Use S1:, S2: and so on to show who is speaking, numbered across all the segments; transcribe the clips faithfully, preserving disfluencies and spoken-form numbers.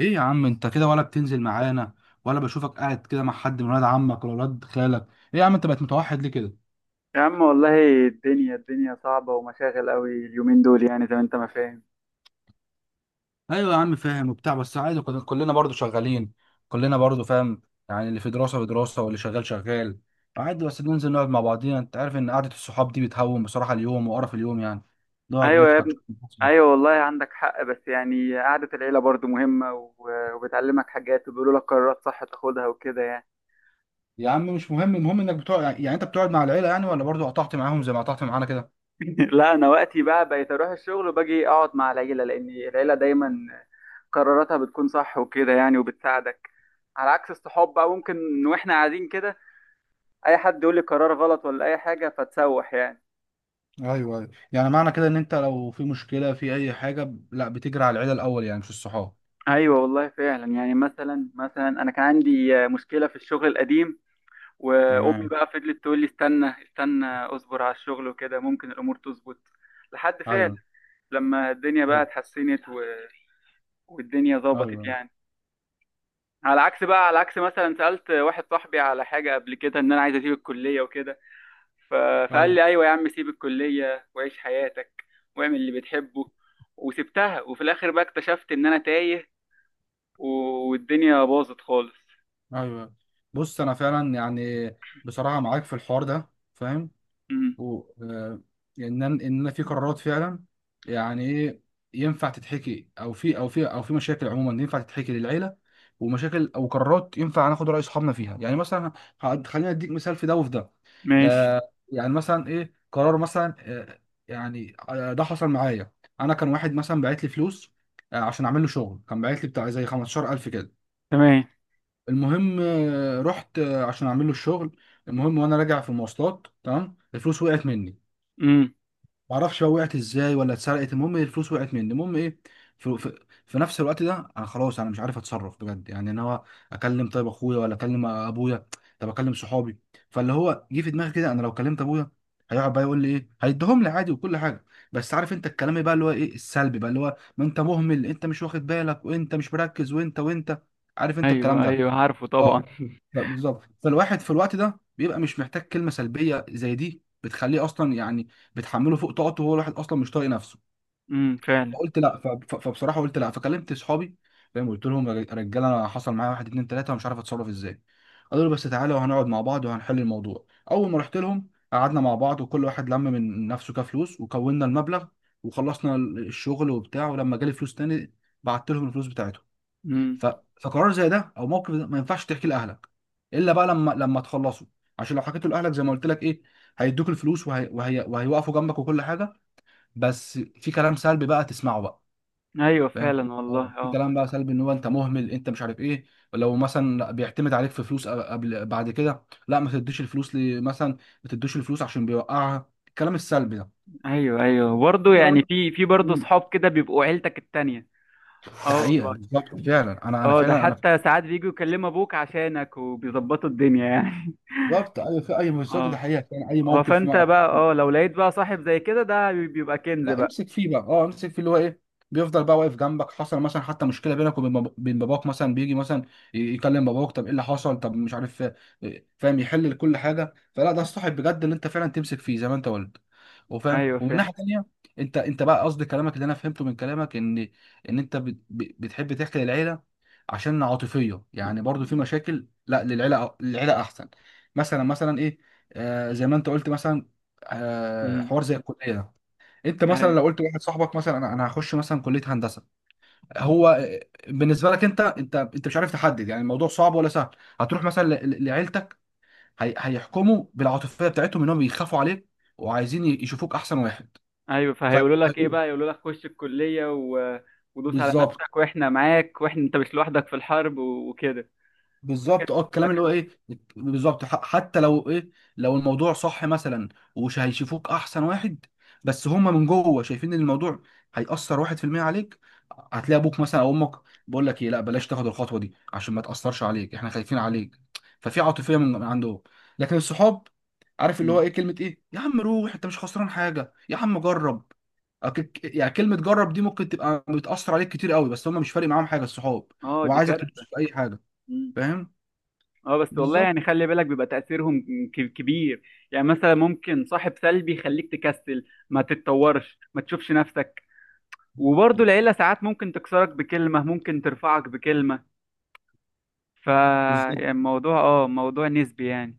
S1: ايه يا عم، انت كده ولا بتنزل معانا؟ ولا بشوفك قاعد كده مع حد من ولاد عمك ولا ولاد خالك؟ ايه يا عم، انت بقت متوحد ليه كده؟
S2: يا عم والله، الدنيا الدنيا صعبة ومشاغل قوي اليومين دول، يعني زي ما انت ما فاهم.
S1: ايوه يا عم، فاهم وبتاع، بس عادي، كل- كلنا برضو شغالين. كلنا برضو فاهم. يعني اللي في دراسة في دراسة، واللي شغال شغال. عادي، بس بننزل نقعد مع بعضينا. انت عارف ان قعدة الصحاب دي بتهون بصراحة اليوم وقرف اليوم يعني. نقعد
S2: ايوه يا
S1: نضحك
S2: ابني.
S1: نهزر.
S2: ايوه والله عندك حق، بس يعني قعدة العيلة برضو مهمة و- وبتعلمك حاجات وبيقولوا لك قرارات صح تاخدها وكده يعني.
S1: يا عم مش مهم، المهم انك بتقعد، يعني انت بتقعد مع العيلة، يعني ولا برضو قطعت معاهم زي ما قطعت معانا كده؟
S2: لا، انا وقتي بقى بقيت اروح الشغل وباجي اقعد مع العيلة، لان العيلة دايما قراراتها بتكون صح وكده يعني وبتساعدك. على عكس الصحاب بقى، ممكن واحنا قاعدين كده اي حد يقول لي قرار غلط ولا اي حاجة فتسوح يعني.
S1: ايوه ايوه، يعني معنى كده ان انت لو في مشكله في اي حاجه ب- لا بتجري على العيله الاول يعني، مش الصحاب.
S2: ايوه والله فعلا. يعني مثلا مثلا انا كان عندي آه، مشكله في الشغل القديم، وامي
S1: تمام.
S2: بقى فضلت تقول لي استنى استنى، اصبر على الشغل وكده ممكن الامور تظبط. لحد فعلا
S1: ايوه.
S2: لما الدنيا بقى
S1: بالظبط.
S2: اتحسنت و... والدنيا ظبطت
S1: ايوه
S2: يعني. على عكس بقى، على عكس مثلا سالت واحد صاحبي على حاجه قبل كده ان انا عايز اسيب الكليه وكده. ف... فقال
S1: ايوه
S2: لي ايوه يا عم، سيب الكليه وعيش حياتك واعمل اللي بتحبه. وسبتها، وفي الاخر بقى اكتشفت ان انا تايه و... والدنيا باظت خالص.
S1: ايوه. بص، انا فعلا يعني بصراحه معاك في الحوار ده، فاهم.
S2: امم
S1: و آه، ان انا ان انا في قرارات فعلا، يعني ايه، ينفع تتحكي، او في او في او في مشاكل عموما ينفع تتحكي للعيله، ومشاكل او قرارات ينفع ناخد راي اصحابنا فيها يعني. مثلا ه- خليني اديك مثال في ده وفي ده.
S2: ماشي.
S1: آه يعني مثلا ايه قرار مثلا آه يعني آه، ده حصل معايا. انا كان واحد مثلا باعت لي فلوس، آه، عشان اعمل له شغل. كان باعت لي بتاع زي خمستاشر الف كده.
S2: تمام.
S1: المهم آه، رحت آه، عشان اعمل له الشغل. المهم، وانا راجع في المواصلات تمام، الفلوس وقعت مني.
S2: امم
S1: معرفش بقى وقعت ازاي ولا اتسرقت. المهم إيه، الفلوس وقعت مني. المهم ايه، في, في, في نفس الوقت ده انا خلاص، انا مش عارف اتصرف بجد يعني. انا هو اكلم طيب اخويا ولا اكلم ابويا؟ طب اكلم صحابي؟ فاللي هو جه في دماغي كده، انا لو كلمت ابويا هيقعد بقى يقول لي ايه، هيديهم لي عادي وكل حاجه، بس عارف انت الكلام بقى اللي هو ايه السلبي بقى، اللي هو ما انت مهمل، انت مش واخد بالك، وانت مش مركز، وانت وانت، عارف انت الكلام
S2: ايوه ايوه،
S1: ده.
S2: عارفه طبعا.
S1: اه، لا، بالظبط. فالواحد في الوقت ده بيبقى مش محتاج كلمه سلبيه زي دي، بتخليه اصلا يعني بتحمله فوق طاقته، وهو الواحد اصلا مش طايق نفسه.
S2: امم فعلا
S1: فقلت لا، ف- ف- فبصراحه قلت لا، فكلمت اصحابي، فاهم. قلت لهم يا رجاله، انا حصل معايا واحد اتنين تلاته، ومش عارف اتصرف ازاي. قالوا لي بس تعالى وهنقعد مع بعض وهنحل الموضوع. اول ما رحت لهم قعدنا مع بعض، وكل واحد لم من نفسه كفلوس وكونا المبلغ، وخلصنا الشغل وبتاع. ولما جالي فلوس تاني بعت لهم الفلوس بتاعتهم.
S2: امم.
S1: ف... فقرار زي ده او موقف ده ما ينفعش تحكي لاهلك الا بقى لما لما تخلصوا. عشان لو حكيته لاهلك زي ما قلت لك ايه، هيدوك الفلوس، وهي... وهي... وهيوقفوا جنبك وكل حاجه، بس في كلام سلبي بقى تسمعه بقى،
S2: ايوه
S1: فاهم.
S2: فعلا
S1: اه،
S2: والله،
S1: في
S2: اه.
S1: كلام بقى سلبي، ان هو انت مهمل، انت مش عارف ايه. لو مثلا بيعتمد عليك في فلوس قبل بعد كده، لا ما تديش الفلوس ل- مثلا، ما تديش الفلوس عشان بيوقعها الكلام السلبي ده.
S2: ايوه ايوه،
S1: في
S2: برضه
S1: قرارات.
S2: يعني في، في برضه
S1: مم.
S2: صحاب كده بيبقوا عيلتك التانية.
S1: ده
S2: اه
S1: حقيقه،
S2: والله.
S1: بالظبط فعلا، انا انا
S2: اه، ده
S1: فعلا انا
S2: حتى ساعات بيجوا يكلموا ابوك عشانك وبيظبطوا الدنيا يعني.
S1: بالظبط، ايوه، في اي بالظبط، ده
S2: اه.
S1: حقيقه فعلا، اي
S2: اه،
S1: موقف.
S2: فانت بقى اه لو لقيت بقى صاحب زي كده، ده بيبقى كنز
S1: لا
S2: بقى.
S1: امسك فيه بقى، اه امسك فيه اللي هو ايه، بيفضل بقى واقف جنبك. حصل مثلا حتى مشكله بينك وبين بابا- بين باباك مثلا، بيجي مثلا ي- يكلم باباك، طب ايه اللي حصل، طب مش عارف إيه، فاهم، يحل كل حاجه. فلا، ده الصاحب بجد اللي انت فعلا تمسك فيه زي ما انت قلت وفاهم.
S2: ايوه
S1: ومن
S2: فعلا.
S1: ناحيه تانيه، انت انت بقى قصد كلامك، اللي انا فهمته من كلامك ان ان انت بت- ب- بتحب تحكي للعيله، عشان عاطفيه يعني برضو. في مشاكل لا، للعيله للعيله احسن، مثلا مثلا ايه، آه، زي ما انت قلت مثلا، آه،
S2: امم
S1: حوار زي الكليه ده. انت مثلا
S2: ايوه
S1: لو قلت لواحد صاحبك مثلا انا انا هخش مثلا كليه هندسه، هو بالنسبه لك انت، انت انت مش عارف تحدد يعني الموضوع صعب ولا سهل. هتروح مثلا ل- ل- لعيلتك، هي- هيحكموا بالعاطفيه بتاعتهم انهم بيخافوا عليك، وعايزين ي- يشوفوك احسن واحد.
S2: ايوه.
S1: ف،
S2: فهيقولوا لك ايه بقى؟ يقولوا لك خش الكليه و... ودوس على
S1: بالظبط
S2: نفسك واحنا معاك، واحنا انت مش لوحدك في الحرب، و... وكده.
S1: بالظبط،
S2: لكن،
S1: اه، الكلام اللي
S2: لكن.
S1: هو ايه، بالظبط ح- حتى لو ايه، لو الموضوع صح مثلا ومش هيشوفوك احسن واحد، بس هما من جوه شايفين ان الموضوع هيأثر واحد في المية عليك، هتلاقي ابوك مثلا او امك بقول لك ايه: لا بلاش تاخد الخطوة دي عشان ما تأثرش عليك، احنا خايفين عليك. ففي عاطفية من من عنده. لكن الصحاب، عارف اللي هو
S2: مم.
S1: ايه، كلمة ايه يا عم، روح، انت مش خسران حاجة يا عم، جرب. أك- يعني كلمة جرب دي ممكن تبقى بتأثر عليك كتير قوي، بس هما مش فارق معاهم حاجة الصحاب،
S2: اه
S1: هو
S2: دي
S1: عايزك
S2: كارثه.
S1: تدوس في اي حاجة،
S2: مم.
S1: فاهم.
S2: اه بس والله
S1: بالظبط
S2: يعني خلي بالك، بيبقى تاثيرهم ك- كبير. يعني مثلا ممكن صاحب سلبي يخليك تكسل، ما تتطورش، ما تشوفش نفسك. وبرضه العيله ساعات ممكن تكسرك بكلمه، ممكن ترفعك بكلمه. ف
S1: بالظبط
S2: يعني الموضوع اه موضوع نسبي يعني.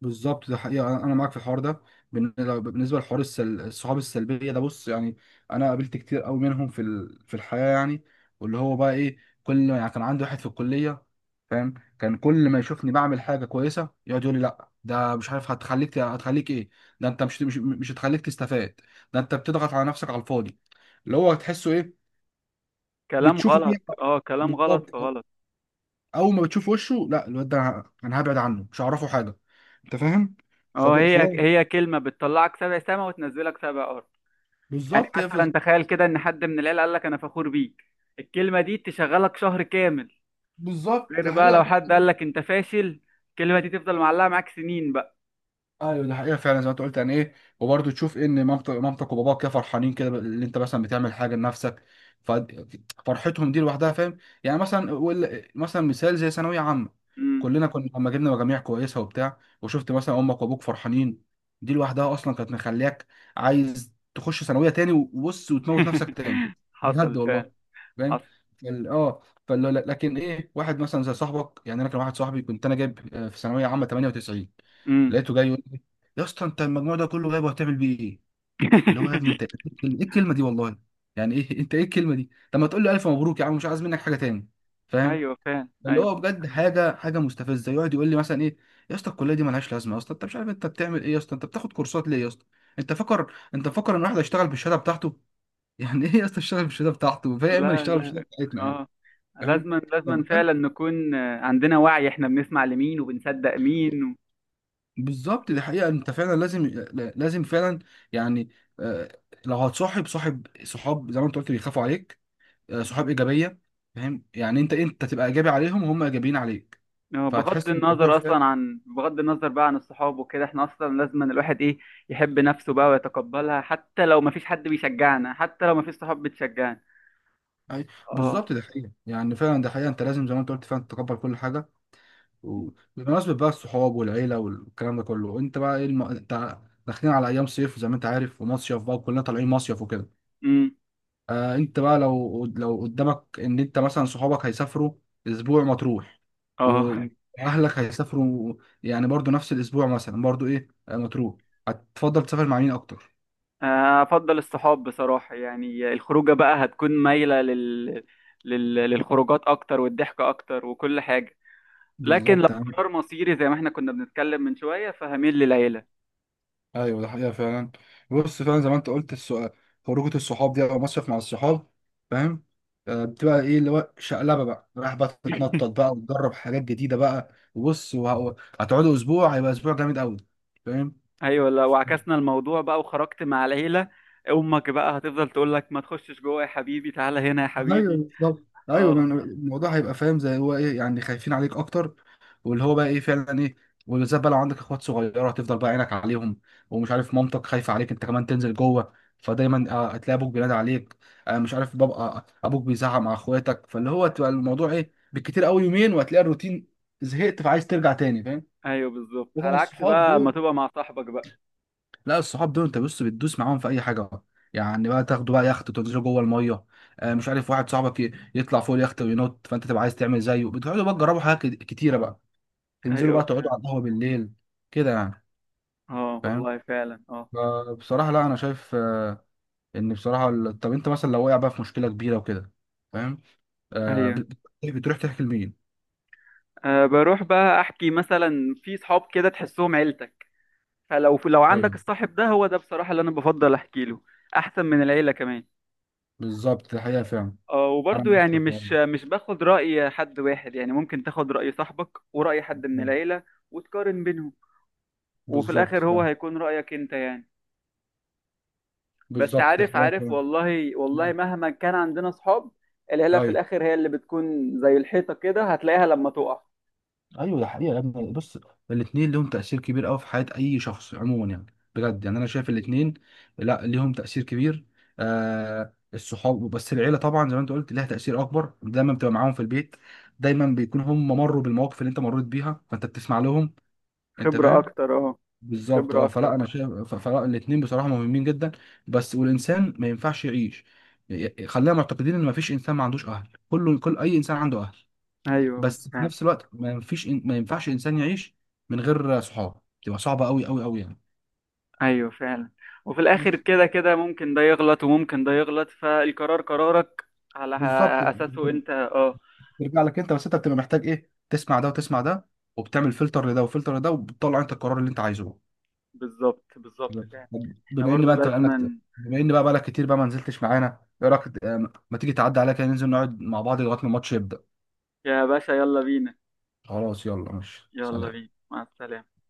S1: بالظبط. ده حقيقة، أنا أنا معاك في الحوار ده. بن- لو- بالنسبة لحوار السل... الصحاب السلبية ده، بص يعني، أنا قابلت كتير أوي منهم في ال... في الحياة يعني. واللي هو بقى إيه، كل يعني كان عندي واحد في الكلية، فاهم، كان كل ما يشوفني بعمل حاجة كويسة يقعد يقول لي لأ، ده مش عارف هتخليك ت- هتخليك إيه، ده أنت مش مش, مش هتخليك تستفاد، ده أنت بتضغط على نفسك على الفاضي، اللي هو تحسه إيه،
S2: كلام
S1: بتشوفه
S2: غلط،
S1: كده،
S2: اه كلام غلط
S1: بالظبط.
S2: فغلط.
S1: اول ما بتشوف وشه لا، الواد ده ه- انا هبعد عنه، مش هعرفه حاجه، انت فاهم.
S2: اه،
S1: فب...
S2: هي
S1: فب...
S2: هي كلمة بتطلعك سبع سما وتنزلك سبع أرض. يعني
S1: بالظبط هي في...
S2: مثلا تخيل كده إن حد من العيلة قال لك أنا فخور بيك، الكلمة دي تشغلك شهر كامل.
S1: بالظبط
S2: غير بقى لو
S1: حقيقه.
S2: حد قال لك أنت فاشل، الكلمة دي تفضل معلقة معاك سنين بقى.
S1: ايوه دي حقيقه فعلا، زي ما انت قلت، يعني ايه، وبرضه تشوف ان مامتك مامتك وباباك كده فرحانين كده اللي انت مثلا بتعمل حاجه لنفسك، ف- فرحتهم دي لوحدها فاهم. يعني مثلا وال- مثلا مثال زي ثانويه عامه،
S2: مم.
S1: كلنا كنا لما جبنا مجاميع كويسه وبتاع، وشفت مثلا امك وابوك فرحانين، دي لوحدها اصلا كانت مخلياك عايز تخش ثانويه تاني وبص وتموت نفسك تاني،
S2: حصل
S1: بجد
S2: فعلا.
S1: والله، فاهم.
S2: حصل.
S1: فال- اه فال- لكن ايه واحد مثلا زي صاحبك يعني، انا كان واحد صاحبي، كنت انا جايب آه، في ثانويه عامه تمانية وتسعين،
S2: مم.
S1: لقيته جاي: يا اسطى، انت المجموع ده كله جايبه هتعمل بيه ايه؟ اللي هو يا ابني انت ايه الكلمه، إيه الكلمة دي والله، يعني ايه انت ايه الكلمه دي، طب ما تقول له الف مبروك يا عم، مش عايز منك حاجه تاني، فاهم.
S2: أيوه فعلا،
S1: اللي هو
S2: أيوه.
S1: بجد حاجه حاجه مستفزه، يقعد يقول لي مثلا ايه: يا اسطى الكليه دي مالهاش لازمه، يا اسطى انت مش عارف انت بتعمل ايه، يا اسطى انت بتاخد كورسات ليه، يا اسطى انت فاكر انت فاكر ان واحد هيشتغل بالشهاده بتاعته. يعني ايه يا اسطى يشتغل بالشهاده بتاعته، فاهم، يا اما
S2: لا
S1: يشتغل
S2: لا.
S1: بالشهاده بتاعتنا يعني.
S2: اه.
S1: فاهم،
S2: لازما
S1: طب
S2: لازما
S1: بجد،
S2: فعلا نكون آه، عندنا وعي، احنا بنسمع لمين وبنصدق مين و...
S1: بالظبط دي حقيقة، انت فعلا لازم، لازم فعلا يعني آه، لو هتصاحب صاحب، صحاب زي ما انت قلت بيخافوا عليك، آه، صحاب ايجابية، فاهم، يعني انت انت تبقى ايجابي عليهم وهم ايجابيين عليك،
S2: آه، بغض
S1: فهتحس ان الموضوع
S2: النظر
S1: فاهم.
S2: اصلا عن، بغض النظر بقى عن الصحاب وكده، احنا اصلا لازم أن الواحد ايه، يحب نفسه بقى ويتقبلها، حتى لو مفيش حد بيشجعنا، حتى لو مفيش صحاب بتشجعنا.
S1: أي-
S2: اه.
S1: بالظبط دي حقيقة، يعني فعلا ده حقيقة، انت لازم زي ما انت قلت فعلا تتقبل كل حاجة. وبمناسبة بقى الصحاب والعيلة والكلام ده كله، انت بقى ايه الم... انت داخلين على ايام صيف زي ما انت عارف، ومصيف بقى، وكلنا طالعين مصيف وكده،
S2: امم.
S1: آه، انت بقى لو لو قدامك ان انت مثلا صحابك هيسافروا اسبوع مطروح،
S2: اه.
S1: و- واهلك هيسافروا يعني برضو نفس الاسبوع مثلا، برضو ايه، آه، مطروح، هتفضل تسافر مع مين اكتر؟
S2: آه، افضل الصحاب بصراحة. يعني الخروجة بقى هتكون مايلة لل... لل... للخروجات اكتر والضحك اكتر وكل حاجة. لكن لو
S1: بالظبط تمام.
S2: قرار مصيري، زي ما احنا كنا بنتكلم من شوية، فهميل للعيلة.
S1: ايوه ده حقيقه فعلا، بص فعلا زي ما انت قلت، السؤال خروجه الصحاب دي او مصيف مع الصحاب، فاهم، آه، بتبقى ايه اللي هو شقلبه بقى، رايح بقى تتنطط بقى وتجرب حاجات جديده بقى، وبص وه- هتقعدوا اسبوع، هيبقى اسبوع جامد قوي، فاهم.
S2: ايوه. لا وعكسنا الموضوع بقى وخرجت مع العيله، امك بقى هتفضل تقول لك ما تخشش جوه يا حبيبي، تعالى هنا يا
S1: ايوه
S2: حبيبي.
S1: بالظبط. ايوه ما
S2: اه.
S1: أنا- الموضوع هيبقى فاهم، زي هو ايه يعني، خايفين عليك اكتر، واللي هو بقى ايه فعلا ايه. وبالذات بقى لو عندك اخوات صغيره، هتفضل بقى عينك عليهم، ومش عارف مامتك خايفه عليك انت كمان تنزل جوه، فدايما آه، هتلاقي ابوك بينادي عليك، آه، مش عارف بابا ابوك بيزعق مع اخواتك، فاللي هو تبقى الموضوع ايه، بالكتير قوي يومين وهتلاقي الروتين زهقت، فعايز ترجع تاني فاهم.
S2: ايوه بالظبط،
S1: لكن
S2: على عكس
S1: الصحاب
S2: بقى ما
S1: دول،
S2: تبقى مع صاحبك بقى.
S1: لا الصحاب دول انت بص بتدوس معاهم في اي حاجه، يعني بقى تاخدوا بقى يخت وتنزلوا جوه الميه، آه مش عارف واحد صاحبك ي- يطلع فوق اليخت وينط، فانت تبقى عايز تعمل زيه، بتقعدوا بقى تجربوا حاجات كت- كتيره بقى، تنزلوا
S2: ايوه
S1: بقى تقعدوا
S2: بتاع.
S1: على القهوه بالليل كده يعني،
S2: اه
S1: فاهم.
S2: والله فعلا، اه.
S1: فبصراحه لا انا شايف آه، ان بصراحه ال- طب انت مثلا لو وقع بقى في مشكله كبيره وكده، فاهم، آه،
S2: ايوه.
S1: بت- بت- بتروح تحكي لمين؟
S2: أه، بروح بقى احكي مثلا في صحاب كده تحسهم عيلتك، فلو، لو عندك
S1: ايوه
S2: الصاحب ده، هو ده بصراحه اللي انا بفضل احكي له، احسن من العيله كمان.
S1: بالظبط، دي حقيقه فعلا،
S2: اه،
S1: انا
S2: وبرضه
S1: معاك في
S2: يعني
S1: الحوار
S2: مش مش باخد راي حد واحد يعني، ممكن تاخد راي صاحبك وراي حد من
S1: ده.
S2: العيله وتقارن بينهم، وفي
S1: بالظبط
S2: الاخر هو
S1: فعلا.
S2: هيكون رأيك انت يعني. بس
S1: بالظبط دي
S2: عارف،
S1: حقيقه
S2: عارف
S1: فعلا.
S2: والله والله مهما كان عندنا صحاب، العيلة في
S1: ايوه
S2: الاخر هي اللي بتكون زي الحيطة كده هتلاقيها لما تقع.
S1: ايوه، ده حقيقه يا ابني، بص، الاثنين ليهم تاثير كبير قوي في حياه اي شخص عموما يعني، بجد يعني انا شايف الاثنين، لا ليهم تاثير كبير، آه الصحاب، بس العيله طبعا زي ما انت قلت ليها تاثير اكبر، دايما بتبقى معاهم في البيت، دايما بيكون هم مروا بالمواقف اللي انت مريت بيها فانت بتسمع لهم، انت
S2: خبرة
S1: فاهم.
S2: اكتر، اه.
S1: بالظبط
S2: خبرة
S1: اه،
S2: اكتر.
S1: فلا انا شايف ف- فلا الاثنين بصراحه مهمين جدا، بس والانسان ما ينفعش يعيش، ي- ي- خلينا معتقدين ان ما فيش انسان ما عندوش اهل، كله كل اي انسان عنده اهل،
S2: ايوه
S1: بس في
S2: فعلا.
S1: نفس الوقت ما فيش إن... ما ينفعش انسان يعيش من غير صحاب، تبقى صعبه قوي قوي قوي يعني.
S2: ايوه فعلا. وفي الاخر
S1: بص
S2: كده كده، ممكن ده يغلط وممكن ده يغلط، فالقرار قرارك على
S1: بالظبط،
S2: اساسه
S1: بتر-
S2: انت، اه.
S1: بترجع لك انت بس، انت بتبقى محتاج ايه، تسمع ده وتسمع ده، وبتعمل فلتر لده وفلتر لده، وبتطلع انت القرار اللي انت عايزه.
S2: بالظبط، بالظبط فعلا.
S1: طب
S2: احنا
S1: بما ان
S2: برضو
S1: بقى انت بقالك،
S2: لازما.
S1: بما ان بقى بقالك كتير بقى ما نزلتش معانا، ايه رايك آه، ما تيجي تعدي عليا كده ننزل نقعد مع بعض لغايه ما الماتش يبدا؟
S2: يا باشا يلا بينا.
S1: خلاص يلا، ماشي
S2: يلا
S1: سلام.
S2: بينا، مع السلامة.